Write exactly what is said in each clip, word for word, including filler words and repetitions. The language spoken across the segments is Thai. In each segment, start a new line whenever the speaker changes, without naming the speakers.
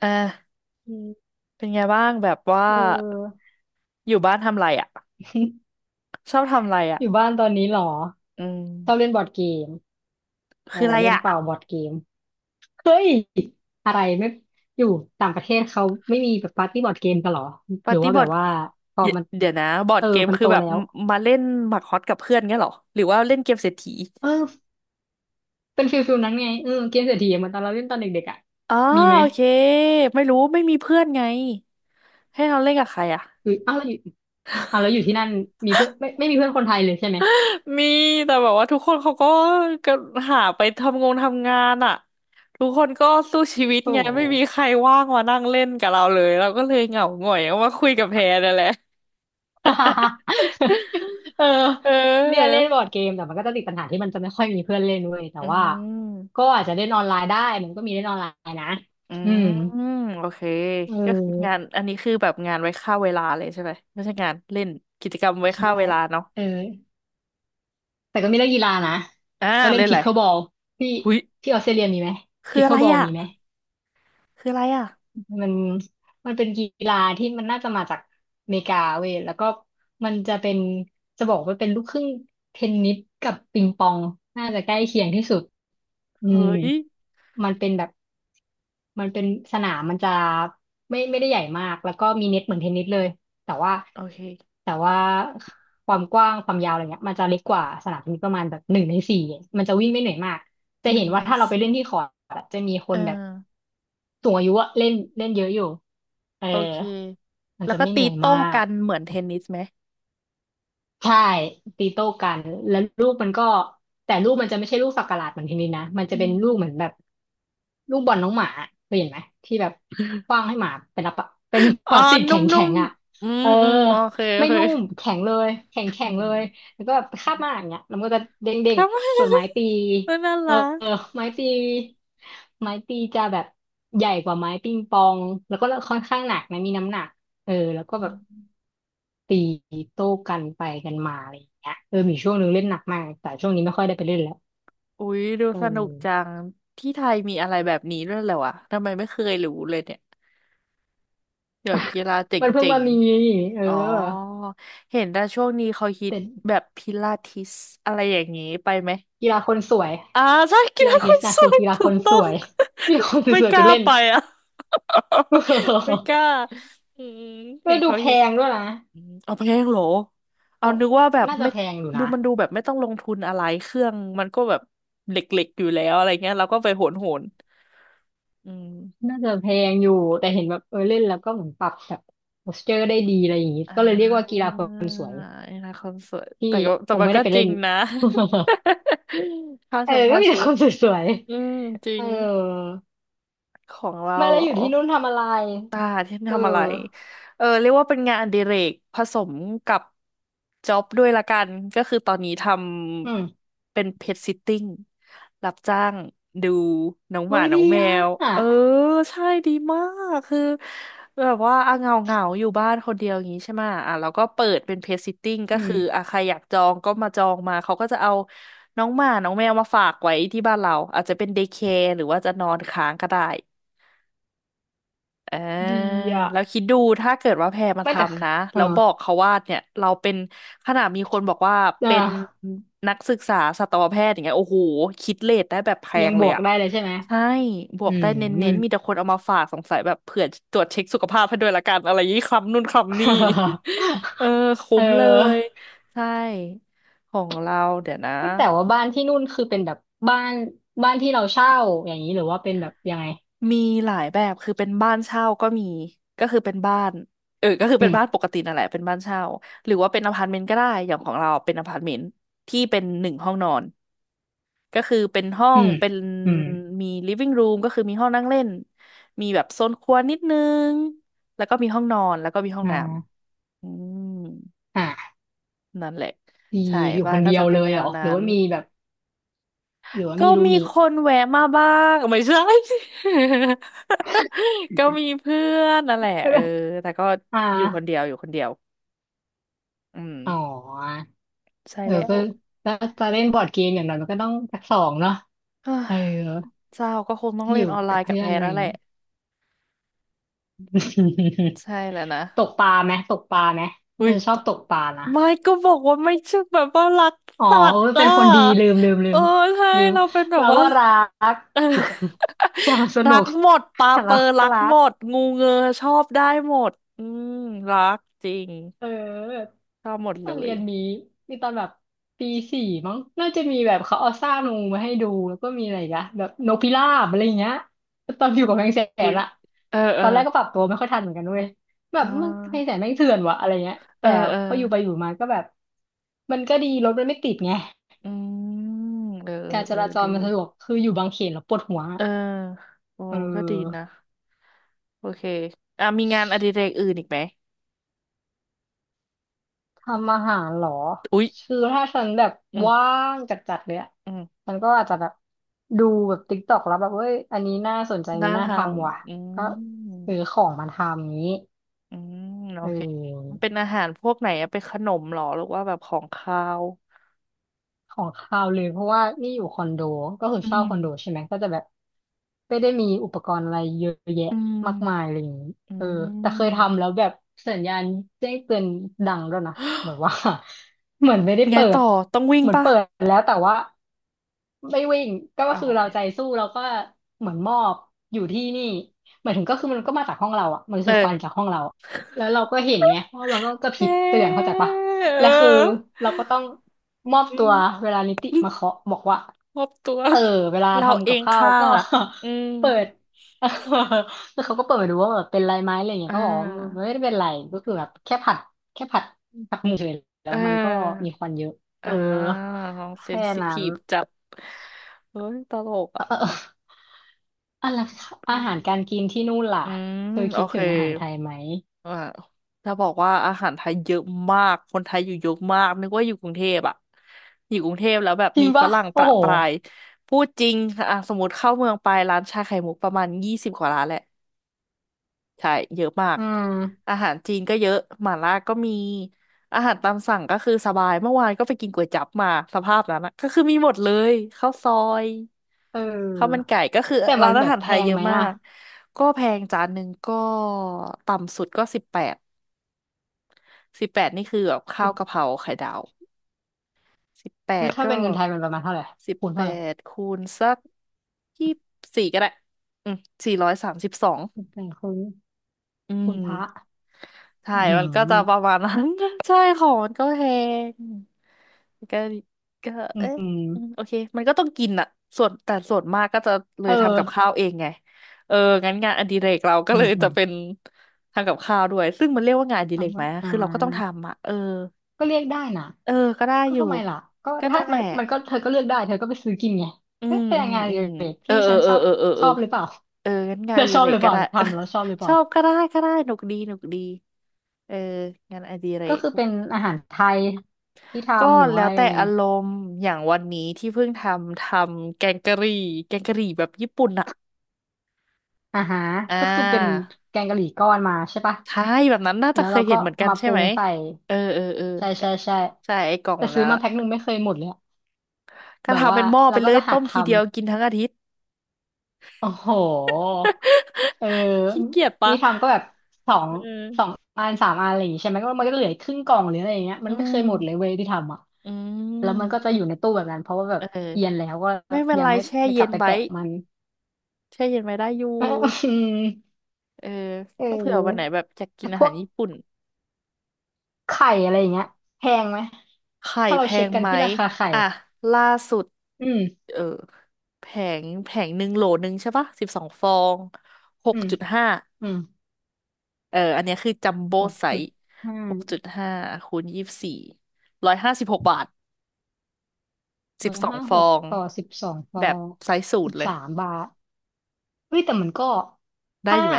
อ่า
อืม
เป็นไงบ้างแบบว่า
เออ
อยู่บ้านทำไรอ่ะชอบทำไรอ่ะ
อยู่บ้านตอนนี้เหรอ
อืม
ชอบเล่นบอร์ดเกมเออ
คืออะไร
เล่น
อ่ะ
เป่าบอร์ดเกมเฮ้ยอะไรไม่อยู่ต่างประเทศเขาไม่มีแบบปาร์ตี้บอร์ดเกมกันเหรอห
ปา
รื
ร์
อ
ตี้
ว่า
บ
แบ
อร์
บ
ด
ว่าพอ
เดี๋ยว
มัน
เดี๋ยวนะบอร์
เอ
ด
อ
เกม
มัน
คื
โต
อแบบ
แล้ว
มาเล่นหมากฮอตกับเพื่อนเงี้ยเหรอหรือว่าเล่นเกมเศรษฐี
เออเป็นฟิลฟิลนั้นไงเออเกมเศรษฐีเหมือนตอนเราเล่นตอนเด็กๆอ่ะ
อ๋อ
มีไหม
โอเคไม่รู้ไม่มีเพื่อนไงให้เราเล่นกับใครอ่ะ
หรืออ้าวแล้วอยู่อ้าวแล้วอยู่ที่นั่นมีเพื่อนไม่ไม่มีเพื่อนคนไทยเลยใช่ไหม
มีแต่แบบว่าทุกคนเขาก็ก็หาไปทำงงทำงานอ่ะทุกคนก็สู้ชีวิต
โอ้
ไงไม่มีใครว่างมานั่งเล่นกับเราเลยเราก็เลยเหงาหงอยเอามาคุยกับแพรนั่นแหละ
เออ
เ
เนี่ย
อ
เล่
อ
นบอร์ดเกมแต่มันก็จะติดปัญหาที่มันจะไม่ค่อยมีเพื่อนเล่นเว้ยแต่
อื
ว่าก็
ม
อาจจะเล่นออนไลน์ได้มันก็มีเล่นออนไลน์นะ
อื
อื
ม
ม
โอเค
เ
ก็คืองา
ออ
นอันนี้คือแบบงานไว้ฆ่าเวลาเลยใช่ไหมไม่ใช่งานเล่นกิจกรรมไว้
ใช่
ฆ่าเวลาเนาะ
เออแต่ก็มีเล่นกีฬานะ
อ่า
ก็เล่
เล่
น
นอะ
พิ
ไร
คเคิลบอลที่
หุย
ที่ออสเตรเลียมีไหม
คือ
พิค
อะ
เคิ
ไร
ลบอล
อ่ะ
มีไหม
คืออะไรอ่ะ
มันมันเป็นกีฬาที่มันน่าจะมาจากอเมริกาเว้ยแล้วก็มันจะเป็นจะบอกว่าเป็นลูกครึ่งเทนนิสกับปิงปองน่าจะใกล้เคียงที่สุด อืม
เฮ้ย
มันเป็นแบบมันเป็นสนามมันจะไม่ไม่ได้ใหญ่มากแล้วก็มีเน็ตเหมือนเทนนิสเลยแต่ว่า
โอเค
แต่ว่าความกว้างความยาวอะไรเงี้ยมันจะเล็กกว่าสนามเทนนิสประมาณแบบหนึ่งในสี่มันจะวิ่งไม่เหนื่อยมากจะ
ห
เห็
นึ่
น
ง
ว่า
ใน
ถ้าเราไปเล่
สี่
นที่คอร์ตอะจะมีค
เออ
นแบบสูงอายุอะเล่นเล่นเยอะอยู่เออ
โอเค
มัน
แล้ว
จะ
ก็
ไม่เห
ตี
นื่อย
โต้
มาก
กันเหมือนเทนนิสไหม
ใช่ตีโต้กันแล้วลูกมันก็แต่ลูกมันจะไม่ใช่ลูกสักหลาดเหมือนทีนี้นะมันจะ
อื
เป็น
ม
ลูกเหมือนแบบลูกบอลน้องหมาเคยเห็นไหมที่แบบขว้างให้หมาเป็นอะเป็น
อ๋
พ
อ
ลาสติก
นุ
แข็ง
่
แข็
ม
งอ่ะ
ๆอืม
เออ
อืมโอเคโอ
ไม่
เค
นุ่มแข็งเลยแข็งแข็
แข่
ง
ง
เลยแล้วก็แบบคาบมาอย่างเงี้ยแล้วมันก็จะเด้ง
ค
เด้ง
รับ
ส่วนไม้ตี
น่า
เออ
รัก
ไม้ตีไม้ตีจะแบบใหญ่กว่าไม้ปิงปองแล้วก็ค่อนข้างหนักนะมีน้ำหนักเออแล้วก็แบบ ตีโต้กันไปกันมาอะไรอย่างเงี้ยเออมีช่วงหนึ่งเล่นหนักมากแต่ช่วงนี้ไม่ค่อยได้ไปเล่นแล้ว
อุ๊ยดู
เออ
สนุกจังที่ไทยมีอะไรแบบนี้ด้วยเหรอวะทำไมไม่เคยรู้เลยเนี่ยเดี๋ยวกีฬาเ
มันเพิ่ง
จ๋ง
มามีเอ
ๆ
อ
อ๋อเห็นแต่ช่วงนี้เขาฮิต
แต่
แบบพิลาทิสอะไรอย่างนี้ไปไหม
กีฬาคนสวย
อ่าใช่กี
กี
ฬา
ฬา
ค
ทิส
น
นะ
สู
คือ
ง
กีฬา
ถู
ค
ก
น
ต้
ส
อง
วย มีคนส
ไม่
ว
ก
ยๆไป
ล้า
เล่น
ไปอ่ะ ไม่ก ล้าอืมเห็
ก็
น
ดู
เขา
แพ
ฮิต
งด้วยนะ
อืมเอาแพงเหรอเอา
เขา
นึกว่าแบบ
น่าจะ
ไม่
แพงอยู่
ดู
นะ
มันดูแบบไม่ต้องลงทุนอะไรเครื่องมันก็แบบเหล็กๆอยู่แล้วอะไรเงี้ยเราก็ไปโหนโหนอืม
น่าจะแพงอยู่แต่เห็นแบบเออเล่นแล้วก็เหมือนปรับแบบโพสเจอร์ได้ดีอะไรอย่างงี้
อ่
ก็เลยเรียกว่ากี
า
ฬาคนสวย
นี่นะคอนเสิร์ตแต่
ที่
ก็แต่
คง
มัน
ไม่
ก็
ได้ไป
จ
เล่
ริง
น
นะ ค่า
เอ
ช
อ
ม
ก็
ค่า
มีแต่
ชุ
ค
ด
นสวย
อืมจริ
เออ
งของเรา
ไม่แล้
เหร
ว
อ
อยู่ที่นู่นทำอะไร
ตาที่
เอ
ทำอะไร
อ
เออเรียกว่าเป็นงานอดิเรกผสมกับจ็อบด้วยละกันก็คือตอนนี้ท
อืม
ำเป็นเพ t ซิตติ้งรับจ้างดูน้องห
โอ้
มา
ย
น้
ดี
องแม
อ
ว เออ
่ะ
ใช่ดีมากคือแบบว่าอ่ะเหงาเงาอยู่บ้านคนเดียวอย่างนี้ใช่ไหมะอ่ะเราก็เปิดเป็นเพ t ซิตติ้งก็
อืม
คืออ่ะใครอยากจองก็มาจองมาเขาก็จะเอาน้องหมาน้องแมวมาฝากไว้ที่บ้านเราอาจจะเป็นเดย์แคร์หรือว่าจะนอนค้างก็ได้ อ่า
ดีอ่ะ
แล้วคิดดูถ้าเกิดว่าแพรมา
ไม่แต่
ทำนะ
เออ
แล้วบอกเขาว่าเนี่ยเราเป็นขนาดมีคนบอกว่า
อ่ะ
เป็นนักศึกษาสัตวแพทย์อย่างเงี้ยโอ้โหคิดเลทได้แบบแพ
ยั
ง
งบ
เลย
วก
อะ
ได้เลยใช่ไหม
ใช่บว
อื
กได้
ม
เน้นๆมีแต่คนเอามาฝากสงสัยแบบเผื่อตรวจเช็คสุขภาพให้ด้วยละกันอะไรยี่คำนู่นคำนี่ เออ
เ
คุ้มเลย
ออ
ใช่ของเราเดี๋ยวนะ
แต่ว่าบ้านที่นู่นคือเป็นแบบบ้านบ้านที่เราเช่าอย่างนี้หรือว่าเป็นแบบยังไง
มีหลายแบบคือเป็นบ้านเช่าก็มีก็คือเป็นบ้านเออก็คือ
อื
เป็น
ม
บ้านปกตินั่นแหละเป็นบ้านเช่าหรือว่าเป็นอพาร์ตเมนต์ก็ได้อย่างของเราเป็นอพาร์ตเมนต์ที่เป็นหนึ่งห้องนอนก็คือเป็นห้อ
อื
ง
ม
เป็น
อืม
มีลิฟ i n g r รูมก็คือมีห้องนั่งเล่นมีแบบโซนครัวนิดนึงแล้วก็มีห้องนอนแล้วก็มีห้อง
อ่
น้
า
ำอืม
อ่า
นั่นแหละ
ดี
ใช่
อยู่
บ้า
ค
น
น
ก็
เดีย
จะ
ว
เป็
เล
นแน
ยเห
ว
รอห
นั้
รือ
น
ว่ามีแบบหรือว่า
ก็
มีรูม
มี
ม
ค
ท
นแวะมาบ้างไม่ใช่ ก็มีเพื่อนนั่นแหละเออ แต่ก็
อ่า
อยู่คนเดียวอยู่คนเดียวอืม
อ๋อ
ใช่
เออ
แล้ว
ก็ ถ้าจะเล่นบอร์ดเกมอย่างน้อยมันก็ต้องสักสองเนาะ
เฮ้ย
เออ
เจ้าก็คงต้อง
ที่อ
เล่น
ยู่
ออนไล
กับ
น์กับ
เพื่อ
แพ
น
ร
อะไร
แล้ว
อ
แห
ย่าง
ละ
งี้
ใช่แล้วนะ
ตกปลาไหมตกปลาไหม
อุ้
ฉั
ย
นชอ
ต
บ
ก
ตกปลานะ
ไม่ก็บอกว่าไม่ใช่แบบว่ารัก
อ๋อ
สัต
เอ
ว์
อเป็
อ่ะ
นคนดีลืมลืมลื
เออ
ม
ใช่
ลืม
เราเป็นแบบ
เรา
ว่า
ก็รัก
เออ
แต่มันส
รั
นุ
ก
ก
หมดปลา
แต่
เปอ
เรา
ร์รั
ก็
ก
รั
หม
ก
ดงูเงือชอบได้หมดอืมรักจริง
เออ
ชอบหมด
ต
เล
อนเรี
ย
ยนนี้มีตอนแบบปีสี่มั้งน่าจะมีแบบเขาเอาซากงูมาให้ดูแล้วก็มีอะไรอีกอะแบบนกพิราบอะไรอย่างเงี้ยตอนอยู่กับแมงแส
อุ้
น
ย
อะ
เออเอ
ต
อ
อนแรกก็ปรับตัวไม่ค่อยทันเหมือนกันเว้ยแบ
เอ่า
บมันแมงแสนแม่งเถื่อนวะอะไรเงี้ย
เออ
แต่
เออ
พออยู่ไปอยู่มาก็แบบมันก็ดีรถมันไม่ติดไง
อืมเออ
การ
เออ
จ
เออ
ราจ
ดี
รมันสะดวกคืออยู่บางเขนแล้วปวดหัว
เออโอ้
เออ
ก็ดีนะโอเคอ่ะ มีงานอดิเรกอื่นอีกไหม
ทำอาหารเหรอ
อุ๊ย
คือถ้าฉันแบบ
อื
ว่า
ม
งจัดๆเลยอะ
อืม
ฉันก็อาจจะแบบดูแบบติ๊กต็อกแล้วแบบ เฮ้ย อันนี้น่าสนใจอัน
น่า
นี้
ท
น่าทำว่ะ
ำอื
ก็
ม
ซื้อของมาทำนี้
อืมโอ
เอ
เคมันเป็น
อ
อาหารพวกไหนอะเป็นขนมเหรอหรือว่าแบบของคาว
ของคาวเลยเพราะว่านี่อยู่คอนโดก็คือ
อื
เช่าค
ม
อนโดใช่ไหมก็จะแบบไม่ได้มีอุปกรณ์อะไรเยอะแยะ
อื
มากมาย
ม
อะไรอย่างนี้
อื
เออแต่เคย
ม
ทำแล้วแบบสัญญาณแจ้งเตือนดังด้วยนะแบบว่า เหมือนไม่ได้
ไง
เปิ
ต่
ด
อ ต้องวิ่ง
เหมือน
ปะ
เปิดแล้วแต่ว่าไม่วิ่งก็
อ้า
คือ
ว
เรา
ไม่
ใจ
วิ่ง
สู้เราก็เหมือนมอบอยู่ที่นี่หมายถึงก็คือมันก็มาจากห้องเราอ่ะมัน
เอ
คือค
อ
วันจากห้องเราอะแล้วเราก็เห็นไงเพราะเราก็กระพ
เฮ
ริบเตือนเข้า
้
ใจปะ
เ
และคือ
ออ
เราก็ต้องมอบ
อื
ตัว
ม
เวลานิติมาเคาะบอกว่า
มอบตัว
เออเวลา
เรา
ทำ
เอ
กับ
ง
ข้าว
ค่ะ
ก็
อืม
เปิด แล้วเขาก็เปิดมาดูว่าแบบเป็นไรไหมอะไรอย่างเงี้
อ่
ยก็บอกว่า
า
ไม่ได้เป็นไรก็คือแบบแค่ผัดแค่ผัดผัดหมูเฉย
เ
แล้วมันก็
ออ
มีควันเยอะเอ
อ่า
อ
น้องเซน
แค่
ซิ
นั้
ที
น
ฟจัดเฮ้ยตลกอ่ะ
เอออะไรอา
อื
หารการ
ม
กินที่นู่นล่ะ
อืม
เธอ
โอ
คิด
เค
ถึงอาหารไทยไหม
อ่าจะบอกว่าอาหารไทยเยอะมาก คนไทยอยู่เยอะมาก นึกว่าอยู่กรุงเทพอ่ะอยู่กรุงเทพแล้วแบบ
จริ
มี
ง
ฝ
ปะ
รั่งป
โอ้
ระ
โห
ปราย พูดจริงอ่ะสมมติเข้าเมืองไปร้านชาไข่มุกประมาณยี่สิบกว่าร้านแหละ ใช่เยอะมาก
อืม
อาหารจีนก็เยอะหม่าล่าก็มีอาหารตามสั่งก็คือสบายเมื่อวานก็ไปกินก๋วยจั๊บมาสภาพนั้นนะก็คือมีหมดเลยข้าวซอย
เ
ข้าวมัน
ออ
ไก่ก็คือ
แต่มั
ร้า
น
นอา
แบบ
หาร
แพ
ไทย
ง
เยอะ
ไหม
มา
อ่ะ
กก็แพงจานหนึ่งก็ต่ำสุดก็สิบแปดสิบแปดนี่คือแบบข้าว
เอ
กะเพราไข่ดาวสิบแป
อ
ด
ถ้า
ก็
เป็นเงินไทยมันประมาณเท่าไหร่
สิบ
คูณ
แป
เท่าไหร่
ดคูณสักยี่สิบสี่ก็ได้อืมสี่ร้อยสามสิบสอง
แต่คูณ
อื
คู
ม
ณพระ
ใช่
อือหือ
มันก็จะประมาณนั้น ใช่ของมันก็แพงก็ก็
อื
เอ๊ะอืมโอ
ม
เคมันก็ต้องกินอะส่วนแต่ส่วนมากก็จะเลย
เอ
ทำกับ
อ
ข้าวเองไงเอองั้นงานอดิเรกเราก็
อื
เล
ม
ย
อื
จะ
ม
เป็นทำกับข้าวด้วยซึ่งมันเรียกว่างานอดิเรก
คำ
ไหม
ว่าอ่า
คือเราก็ต้องทำอะเออ
ก็เรียกได้นะ
เออก็ได้
ก็
อยู่
ทำไมล่ะก็
ก็
ถ้า
นั่นแห
มั
ละ
นมันก็เธอก็เลือกได้เธอก็ไปซื้อกินไง
อื
เอ๊ะ
ม
เป็น
อืม
งานอ
อื
ดิ
ม
เรก
เออ
ที่
เออ
ฉัน
เอ
ช
อ
อบ
เออเออ
ช
เอ
อ
อ
บหรือเปล่า
เอองั้นงา
เธ
น
อ
อดิ
ชอบ
เร
ห
ก
รือเป
ก็
ล่า
ได้
ทำแล้วชอบหรือเป
ช
ล่า
อบก็ได้ก็ได้หนุกดีหนุกดีเอองานอดิเร
ก็
ก
คือเป็นอาหารไทยที่
ก็
ทำหรือ
แล้
ว่า
วแต่
ยังไง
อารมณ์อย่างวันนี้ที่เพิ่งทำทำแกงกะหรี่แกงกะหรี่แบบญี่ปุ่นอ่ะ
อ่าฮะ
อ่
ก็คือเป็น
า
แกงกะหรี่ก้อนมาใช่ปะ
ใช่แบบนั้นน่าจะ
แล้ว
เค
เรา
ยเห็
ก็
นเหมือนกัน
มา
ใช่
ปรุ
ไหม
งใส่
เออเออเออ
ใช่ใช่ใช่
ใช่ไอ้กล่อง
แต่
แบบ
ซื้อ
นั้น
มา
อะ
แพ็คหนึ่งไม่เคยหมดเลยอะ
ก็
แบบ
ทำ
ว่า
เป็นหม้อไป
เรา
เล
ก็
ย
จะหั
ต้
ก
มที
ทำ
เดียวกินทั้งอาทิตย์
โอ้โหเออ
ขี้เกียจปะ
นี่ทำก็แบบสอง
เอ
สอง
อ
อันสามอันอะไรอย่างงี้ใช่ไหมก็มันก็เหลือครึ่งกล่องหรืออะไรอย่างเงี้ยมั
อื
นไม่เค
ม
ยหมดเลยเว้ยที่ทำอ่ะ
อื
แล้วมัน
ม
ก็จะอยู่ในตู้แบบนั้นเพราะว่าแบบ
เอ
เอียน
อ
แล้วก็
ไม่เป็น
ยั
ไร
งไม่
แช่
ไม่ก
เย็
ลับ
น
ไป
ไว้
แตะมัน
แช่เย็นไว้ได้อยู่
เออ
เออ
เ
ก็เผื่อวันไหน
ออ
แบบจะกกิน
แต่พ
อาหา
ว
ร
ก
ญี่ปุ่น
ไข่อะไรอย่างเงี้ยแพงไหม
ไข่
ถ้าเรา
แพ
เช็ค
ง
กัน
ไหม
ที่ราคาไข่
อ่ะล่าสุด
อืม
เออแผงแผงหนึ่งโหลหนึ่งใช่ปะสิบสองฟองห
อื
ก
ม
จุดห้า
อืม
เอออันเนี้ยคือจัมโบ้
หก
ไซ
จุด
ส์
ห้า
หกจุดห้าคูณยี่สิบสี่ร้อยห้าสิบหกบาทสิ
ร้
บ
อย
สอง
ห้า
ฟ
ห
อ
ก
ง
ต่อสิบสองต่อ
แบบไซส์ศูน
สิบ
ย์เลย
สามบาทเฮ้ยแต่มันก็
ได้
ถ้า
อยู่ไหม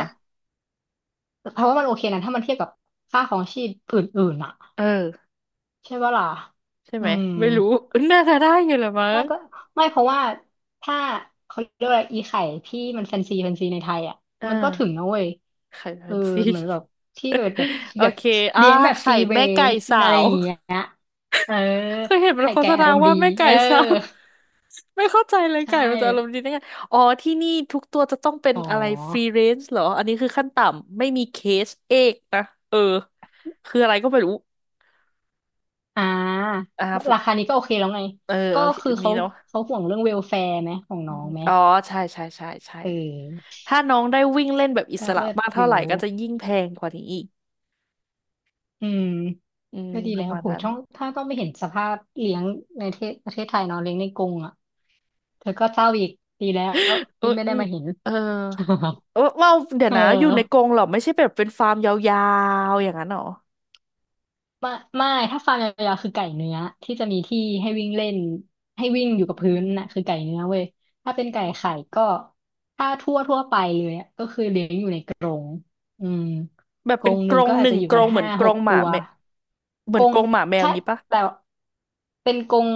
เพราะว่ามันโอเคนะถ้ามันเทียบกับค่าของชีพอื่นๆอ่ะ
เออ
ใช่ปะล่ะ
ใช่
อื
ไหม
ม
ไม่รู้ น่าจะได้อยู่แหละมั้
น่า
ง
จะไม่เพราะว่าถ้าเขาเรียกว่าอีไข่ที่มันแฟนซีแฟนซีในไทยอ่ะ
อ่
มันก็ถึง
า
นะเว้ย
ไข่แฟ
เออ
นซี
เหมือนแบบที่แบบแบบ
โอ
แบบ
เคอ่า
เลี้ยงแบบฟ
ไข่
รีเร
แม่ไก่
นจ์
สา
อะไรอ
ว
ย่างเงี้ยเออ
เคยเห็นมัน
ไข่
โฆ
ไก่
ษ
อา
ณา
รมณ์
ว่า
ดี
แม่
เอ
ไก่
อ
ซ้ำ ไม่เข้าใจเลย
ใช่
ไก่มันจะอารมณ์ดีได้ไงอ๋อที่นี่ทุกตัวจะต้องเป็น
อ๋
อะไรฟรี
อ
เรนจ์เหรออันนี้คือขั้นต่ำไม่มีเคสเอกนะเออคืออะไรก็ไม่รู้
อ่า
อ่าผม
ราคานี้ก็โอเคแล้วไง
เออ
ก็
โอเค
คือ
อันนี้
เขา
เนาะ
เขาห่วงเรื่องเวลแฟร์ไหมของ
อื
น้อง
ม
ไหม
อ๋อใช่ใช่ใช่ใช่
เออ
ถ้าน้องได้วิ่งเล่นแบบอิส
ก็
ระ
เลิศ
มาก
อ
เท่าไห
ยู่
ร่ก็จะยิ่งแพงกว่านี้อีก
อืม
อืม
ก็ดี
ประ
แล้ว
มาณ
โหย
นั้น
ต้องถ้าต้องไม่เห็นสภาพเลี้ยงในประเทศประเทศไทยเนาะเลี้ยงในกรงอ่ะเธอก็เศร้าอีกดีแล้ว
เออ
ที่ไม่
อื
ได้
ม
มาเห็น
เออเออเอ้าเดี๋ ย
เอ
ว
อ
นะอยู่ในกรงเหรอไม่ใช่แบบเป็นฟาร์มยาวๆอย่างนั้นเหรอ
ไม่ไม่ถ้าฟาร์มยาวๆคือไก่เนื้อที่จะมีที่ให้วิ่งเล่นให้วิ่งอยู่กับพื้นน่ะคือไก่เนื้อเว้ยถ้าเป็นไก่ไข่ก็ถ้าทั่วทั่วไปเลยอะก็คือเลี้ยงอยู่ใน อืม
แบบ
กร
เป็น
งห
ก
นึ่
ร
ง
ง
ก็
ห
อาจ
นึ่
จะ
ง
อยู่
กร
กัน
งเหมื
ห้า
อนก
ห
ร
ก
งห
ตั
มา
ว
แมวเหมือ
ก
น
ร
ก
ง
รงหมาแมวอ
ใช่
ย่างงี้ปะ
แต่เป็นกรง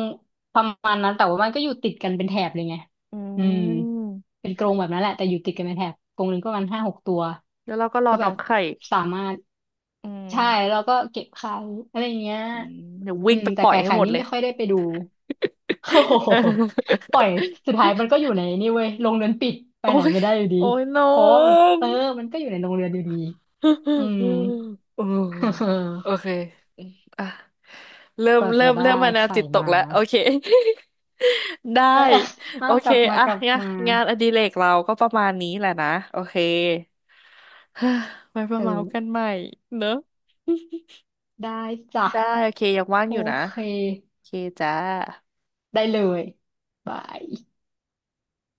ประมาณนั้นแต่ว่ามันก็อยู่ติดกันเป็นแถบเลยไง
อื
อืม
ม
เป็นกรงแบบนั้นแหละแต่อยู่ติดกันเป็นแถบกรงหนึ่งก็ประมาณห้าหกตัว
แล้วเราก็รอ
ก็แบ
น้อ
บ
งไข่
สามารถ
อืม
ใช่แล้วก็เก็บไข่อะไรเงี้ย
อืมเดี๋ยว
อื
วิ่ง
ม
ไป
แต่
ปล่อย
ไก่
ให้
ไข่
หมด
นี่
เลย
ไม่ค่อยได้ไปดู โอ้ โห
เออ
ปล่อยสุดท้ายมันก็อยู่ในนี่เว้ยลงเรือนปิดไป
โอ้
ไหน
ย
ไม่ได้อยู่ดี
โอ้ยน้อ
เพราะว่ามัน
ง
เออมันก็อยู่ในโรงเรียนอยู่ดี อืม
โอ้โอ เคอืมอ่ะเริ่ม
กว่า
เริ่
จะ
มเริ่ม
ได้
มาแนว
ไข่
จิตตก
มา
แล้วโอเค ได้
เออ
โอ
เอาก
เค
ลับมา
อ่ะ
กลับ
งะ
มา
งานอดิเรกเราก็ประมาณนี้แหละนะโอเค เฮ้อไว้มา
เอ
เมาส์กัน
อ
ใหม่เนอะ
ได้จ้ะ
ได้โอเคยังว่าง
โอ
อยู่นะ
เค
โอเคจ้า
ได้เลยบาย